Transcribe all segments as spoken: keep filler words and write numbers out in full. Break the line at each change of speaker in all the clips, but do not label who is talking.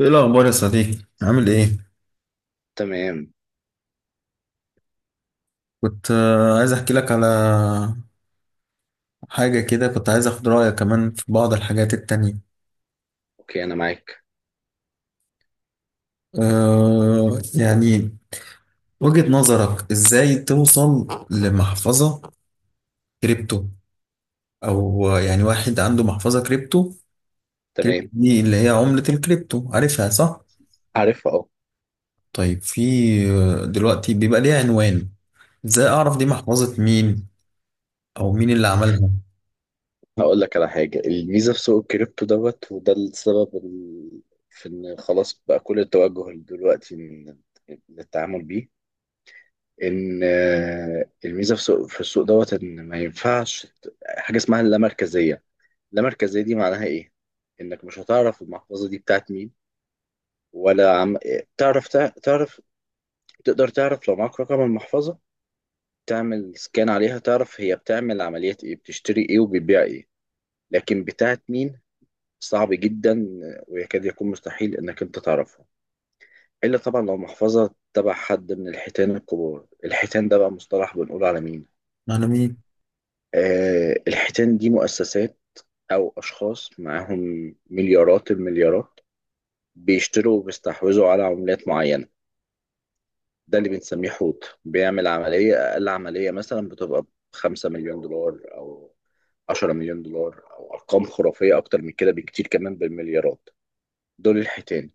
ايه الاخبار يا صديقي؟ عامل ايه؟
تمام.
كنت آه، عايز احكي لك على حاجه كده. كنت عايز اخد رايك كمان في بعض الحاجات التانية.
اوكي، انا معاك.
أه يعني وجهة نظرك ازاي توصل لمحفظه كريبتو؟ او آه، يعني واحد عنده محفظه كريبتو. كريبتو
تمام.
دي اللي هي عمله الكريبتو، عارفها صح؟
عارف، اه.
طيب في آه، دلوقتي بيبقى ليها عنوان، ازاي اعرف دي محفظه مين او مين اللي عملها؟
هقول لك على حاجه. الميزه في سوق الكريبتو دوت وده السبب ال... في ان خلاص بقى كل التوجه دلوقتي إن- للتعامل بيه. ان آه، الميزه في سوق في السوق دوت ان ما ينفعش ت- حاجه اسمها اللامركزيه. اللامركزيه دي معناها ايه؟ انك مش هتعرف المحفظه دي بتاعت مين ولا عم... تعرف تع- تعرف تقدر تعرف لو معاك رقم المحفظه، تعمل سكان عليها، تعرف هي بتعمل عمليات ايه، بتشتري ايه وبتبيع ايه. لكن بتاعت مين، صعب جدا ويكاد يكون مستحيل انك انت تعرفها، الا طبعا لو محفظة تبع حد من الحيتان الكبار. الحيتان ده بقى مصطلح بنقول على مين.
معنى مين؟
آه الحيتان دي مؤسسات او اشخاص معاهم مليارات المليارات، بيشتروا وبيستحوذوا على عملات معينة. ده اللي بنسميه حوت. بيعمل عملية، أقل عملية مثلا بتبقى بخمسة مليون دولار أو عشرة مليون دولار أو أرقام خرافية أكتر من كده بكتير، كمان بالمليارات. دول الحيتان.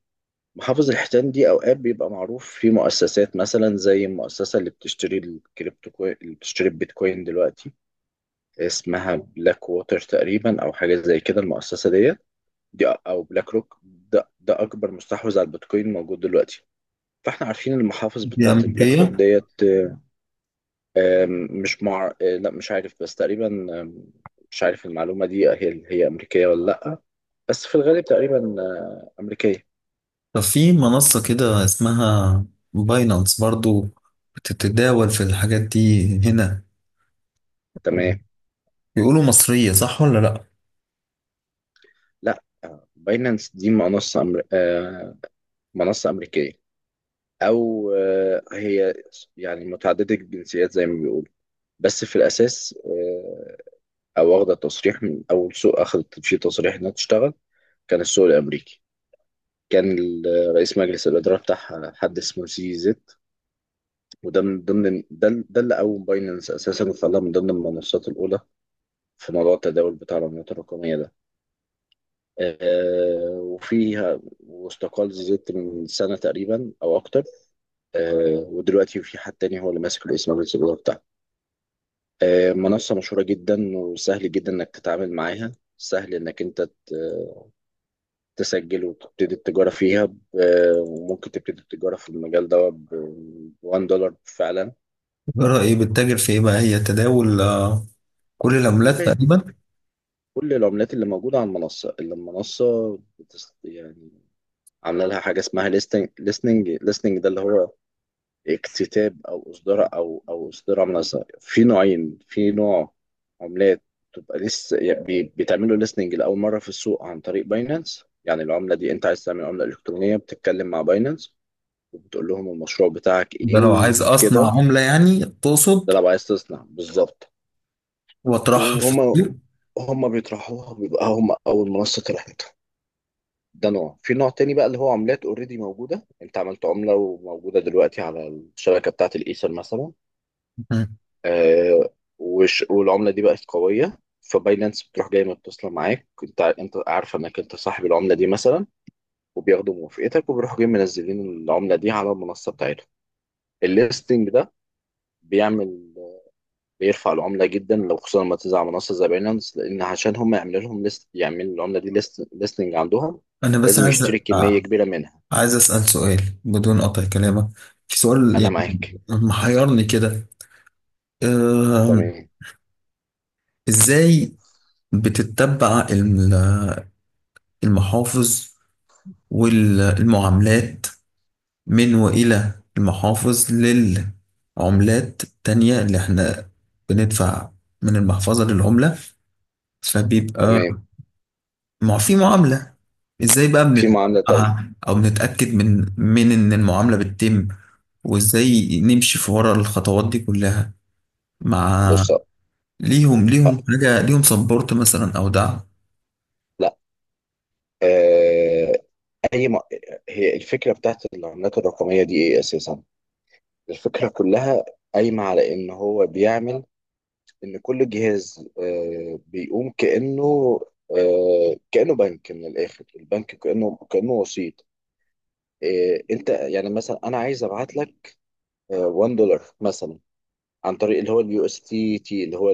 محافظ الحيتان دي أوقات بيبقى معروف في مؤسسات مثلا، زي المؤسسة اللي بتشتري الكريبتو كوين، اللي بتشتري البيتكوين دلوقتي اسمها بلاك ووتر تقريبا أو حاجة زي كده. المؤسسة ديت دي أو بلاك روك، ده, ده أكبر مستحوذ على البيتكوين موجود دلوقتي. فاحنا عارفين المحافظ
دي
بتاعت البلاك روك
امريكيه؟
ديت. آم، مش مع آه، لا، مش عارف بس تقريبا. آم، مش عارف المعلومة دي هي هي أمريكية ولا لأ، بس في الغالب تقريبا، آه، أمريكية.
طب في منصة كده اسمها باينانس برضو، بتتداول في الحاجات دي هنا،
تمام.
بيقولوا مصرية صح ولا لأ؟
لأ. آه، باينانس دي منصة أمر... آه، منصة أمريكية. أو آه، هي يعني متعددة الجنسيات زي ما بيقولوا، بس في الأساس، آه، أو واخدة تصريح من أول سوق أخدت في تصريح إنها تشتغل كان السوق الأمريكي. كان ال- رئيس مجلس الإدارة بتاعها حد اسمه سي زد، وده من ضمن ده ده اللي قوم باينانس اساسا وخلاها من ضمن المنصات الاولى في موضوع التداول بتاع العملات الرقميه ده. آه وفيها واستقال زيزت من سنه تقريبا او اكتر. آه ودلوقتي في حد تاني هو اللي ماسك الاسم الاولى بتاعها. آه منصه مشهوره جدا وسهل جدا انك تتعامل معاها، سهل انك انت ت- تسجل وتبتدي التجاره فيها ب- وممكن تبتدي التجاره في المجال ده ب دولار واحد فعلا.
الإدارة، إيه رأيك؟ بتتاجر في إيه بقى؟ هي تداول آه، كل العملات تقريبا.
كل العملات اللي موجودة على المنصة اللي المنصة بتس... يعني عاملة لها حاجة اسمها listening listening listening ده اللي هو اكتتاب أو إصدار أو أو إصدار منصة. في نوعين. في نوع عملات تبقى لسه يعني بي- بتعملوا listening لأول مرة في السوق عن طريق باينانس. يعني العملة دي أنت عايز تعمل عملة إلكترونية، بتتكلم مع باينانس وبتقول لهم المشروع بتاعك
ده
إيه
لو عايز أصنع
وكده.
عملة يعني تقصد
ده لو عايز تصنع بالظبط.
وأطرحها في
وهما
السوق.
هما بيطرحوها، بيبقى هما أول منصة طرحتها. ده نوع. في نوع تاني بقى اللي هو عملات اوريدي موجودة، انت عملت عملة وموجودة دلوقتي على الشبكة بتاعة الايثر مثلا.
مم.
آه. وش والعملة دي بقت قوية، فباينانس بتروح جاي متصلة معاك، انت انت عارفة انك انت صاحب العملة دي مثلا، وبياخدوا موافقتك وبيروحوا جايين منزلين العملة دي على المنصة بتاعتهم. الليستنج ده بيعمل، بيرفع العملة جدا لو، خصوصا لما تنزل على منصة زي باينانس. لأن عشان هم يعملوا لهم ليست، يعملوا العملة دي ليستنج عندهم،
أنا بس
لازم
عايز
يشتري كمية
آه،
كبيرة منها.
عايز أسأل سؤال بدون قطع كلامك. في سؤال
أنا
يعني
معاك.
محيرني كده. آم،
تمام.
إزاي بتتبع الم- المحافظ والمعاملات من وإلى المحافظ للعملات التانية اللي احنا بندفع من المحفظة للعملة؟ فبيبقى
تمام.
مع في معاملة، ازاي بقى
في معاملة تانية.
بندفعها او بنتأكد من من ان المعاملة بتتم؟ وازاي نمشي في ورا الخطوات دي كلها مع
بص.
ليهم ليهم
آه،
حاجة؟ ليهم سبورت مثلا او دعم؟
لا. آه، أي م... هي الفكرة بتاعت العملات الرقمية دي إيه أساسا؟ الفكرة كلها قايمة على إن هو بيعمل إن كل جهاز، آه، بيقوم كأنه، آه، كأنه بنك. من الآخر البنك كأنه كأنه وسيط. آه، أنت يعني مثلا، أنا عايز أبعت لك واحد دولار مثلا عن طريق اللي هو اليو اس تي تي. اللي هو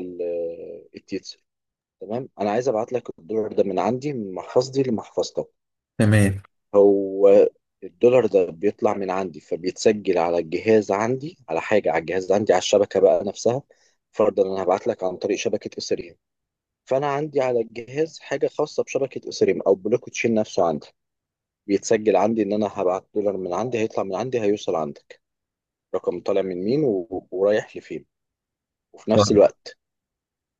تمام، انا عايز ابعت لك الدولار ده من عندي من محفظتي لمحفظتك.
تمام.
هو الدولار ده بيطلع من عندي فبيتسجل على الجهاز عندي، على حاجه على الجهاز عندي، على الشبكه بقى نفسها. فرضا انا هبعت لك عن طريق شبكه اثيريوم، فانا عندي على الجهاز حاجه خاصه بشبكه اثيريوم او بلوك تشين نفسه عندي، بيتسجل عندي ان انا هبعت دولار من عندي، هيطلع من عندي هيوصل عندك، رقم طالع من مين و... ورايح لفين. وفي نفس الوقت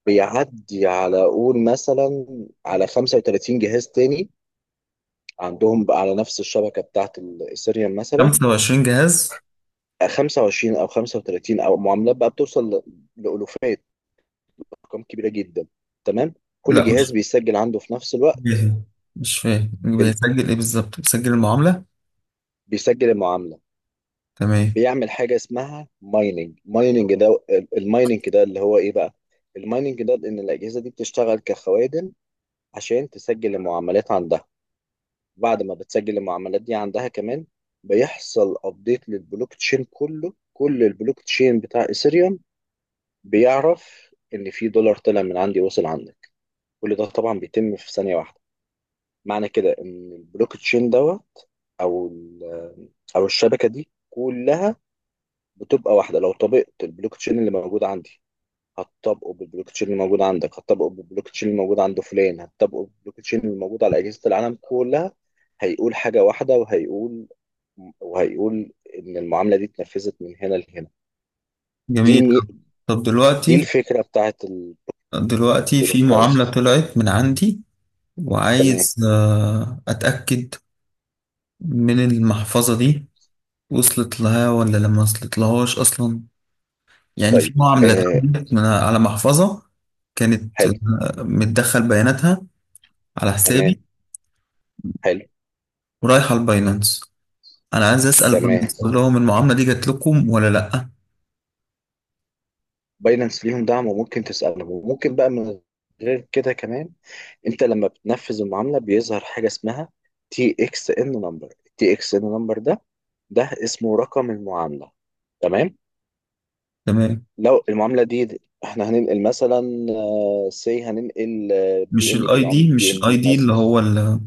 بيعدي على قول مثلا على خمسة وثلاثين جهاز تاني عندهم بقى، على نفس الشبكة بتاعة الإيثيريوم مثلا،
خمسة وعشرين جهاز؟
خمسة وعشرين أو خمسة وثلاثين أو معاملات بقى بتوصل ل- لألوفات، أرقام كبيرة جدا. تمام. كل
لا،
جهاز بيسجل عنده في نفس الوقت.
جاهز. مش فاهم،
ال...
بيسجل ايه بالظبط؟ بيسجل المعاملة؟
بيسجل المعاملة.
تمام.
بيعمل حاجة اسمها مايننج. مايننج ده، المايننج ده اللي هو إيه بقى؟ المايننج ده إن الأجهزة دي بتشتغل كخوادم عشان تسجل المعاملات عندها. بعد ما بتسجل المعاملات دي عندها كمان، بيحصل ابديت للبلوك تشين كله. كل البلوك تشين بتاع ايثيريوم بيعرف ان في دولار طلع من عندي وصل عندك. كل ده طبعا بيتم في ثانيه واحده. معنى كده ان البلوك تشين دوت، او ال- او الشبكه دي كلها، بتبقى واحده. لو طبقت البلوك تشين اللي موجود عندي، هتطبقه بالبلوك تشين اللي موجود عندك، هتطبقه بالبلوك تشين اللي موجود عند فلان، هتطبقه بالبلوك تشين اللي موجود على اجهزه العالم كلها. هيقول حاجه واحده وهيقول وهيقول ان المعامله دي اتنفذت من هنا لهنا. دي
جميل.
المي...
طب
دي
دلوقتي
الفكره بتاعت
دلوقتي في
الكريبتو
معاملة
كرنسي.
طلعت من عندي،
تمام.
وعايز آه، أتأكد من المحفظة دي وصلت لها ولا لما وصلت لهاش أصلا. يعني
طيب.
في معاملة
آه.
اتعملت من على محفظة كانت
حلو.
آه، متدخل بياناتها على حسابي
تمام. حلو.
ورايحة الباينانس. أنا عايز أسأل
تمام.
باينانس أقول لهم المعاملة دي جات لكم ولا لأ؟
باينانس ليهم دعم وممكن تسألهم، وممكن بقى من غير كده كمان، انت لما بتنفذ المعاملة بيظهر حاجة اسمها تي اكس ان نمبر. تي اكس ان نمبر ده، ده اسمه رقم المعاملة. تمام.
تمام.
لو المعاملة دي احنا هننقل مثلا، سي هننقل بي
مش
ان
الاي
بي، عملة
دي،
بي
مش
ان
الاي
بي
دي اللي
مثلا.
هو ال-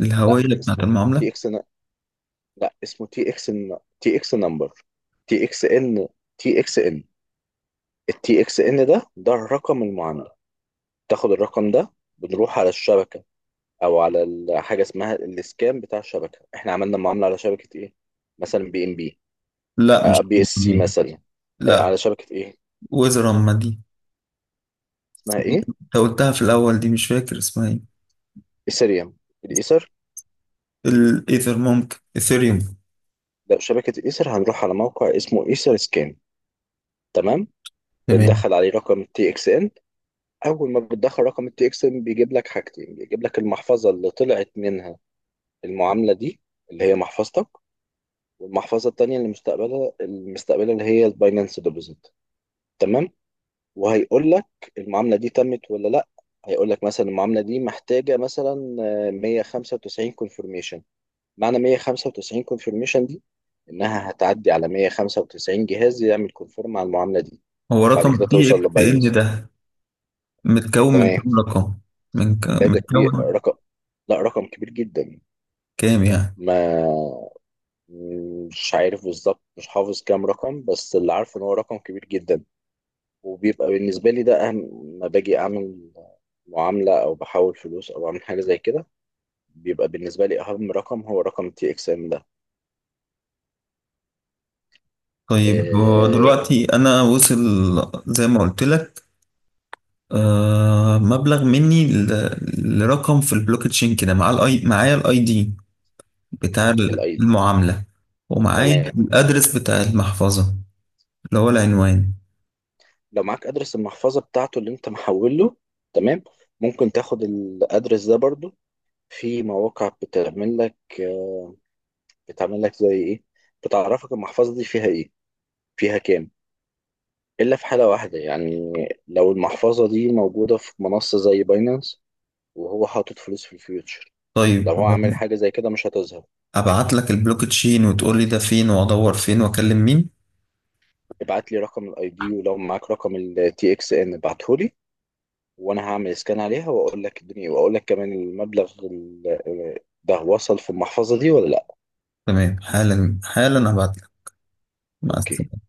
الهوية
لا
بتاعت
اسمه
المعاملة؟
تي اكس لا اسمه تي اكس، تي اكس نمبر، تي اكس ان تي اكس ان التي اكس ان ده، ده الرقم المعامله. تاخد الرقم ده، بنروح على الشبكه او على ال- حاجه اسمها الاسكان بتاع الشبكه. احنا عملنا معامله على شبكه ايه؟ مثلا بي ام بي،
لا،
آه،
مش
بي اس سي
دي.
مثلا. آه،
لا،
على شبكه ايه؟
ويزرم دي،
اسمها ايه؟
انت قلتها في الاول، دي مش فاكر اسمها ايه.
ايثريوم، الايثر.
الايثر، ممكن ايثيريوم.
لا، شبكه الايثر هنروح على موقع اسمه ايثر سكان. تمام.
تمام.
بندخل عليه رقم تي اكس ان. اول ما بتدخل رقم التي اكس ان بيجيب لك حاجتين، بيجيب لك المحفظه اللي طلعت منها المعامله دي، اللي هي محفظتك، والمحفظه التانيه اللي مستقبلها المستقبلها، اللي هي الباينانس ديبوزيت. تمام. وهيقول لك المعامله دي تمت ولا لا. هيقول لك مثلا المعامله دي محتاجه مثلا آه، مية وخمسة وتسعين كونفرميشن. معنى مية وخمسة وتسعين كونفرميشن دي انها هتعدي على مية وخمسة وتسعين جهاز يعمل كونفيرم على المعامله دي،
هو
بعد كده
رقم تي
توصل
اكس ان
لباينانس.
ده متكون من
تمام.
كام رقم؟ من ك...
لا، ده كبير
متكون
رقم، لا رقم كبير جدا.
كام يعني؟
ما مش عارف بالظبط، مش حافظ كام رقم، بس اللي عارفه ان هو رقم كبير جدا. وبيبقى بالنسبة لي ده أهم ما باجي أعمل معاملة أو بحول فلوس أو أعمل حاجة زي كده، بيبقى بالنسبة لي أهم رقم هو رقم تي إكس إم ده.
طيب هو
إيه
دلوقتي انا وصل زي ما قلت لك، آه، مبلغ مني ل... لرقم في البلوك تشين كده، مع الاي معايا الاي دي بتاع
الأي.
المعاملة، ومعايا
تمام.
الأدرس بتاع المحفظة اللي هو العنوان.
لو معاك أدرس المحفظة بتاعته اللي أنت محول له. تمام. ممكن تاخد الأدرس ده برضو، في مواقع بتعمل لك، بتعمل لك زي إيه، بتعرفك المحفظة دي فيها إيه، فيها كام. إلا في حالة واحدة يعني، لو المحفظة دي موجودة في منصة زي باينانس وهو حاطط فلوس في الفيوتشر،
طيب
لو هو عامل حاجة زي كده مش هتظهر.
أبعت لك البلوك تشين وتقول لي ده فين وأدور فين وأكلم مين؟
ابعت لي رقم الاي دي ولو معاك رقم التي اكس ان ابعته لي، وانا هعمل سكان عليها واقول لك الدنيا، واقول لك كمان المبلغ ال- آه، ده وصل في المحفظة دي ولا لا.
تمام، حالا حالا أبعت لك. مع
اوكي
السلامة.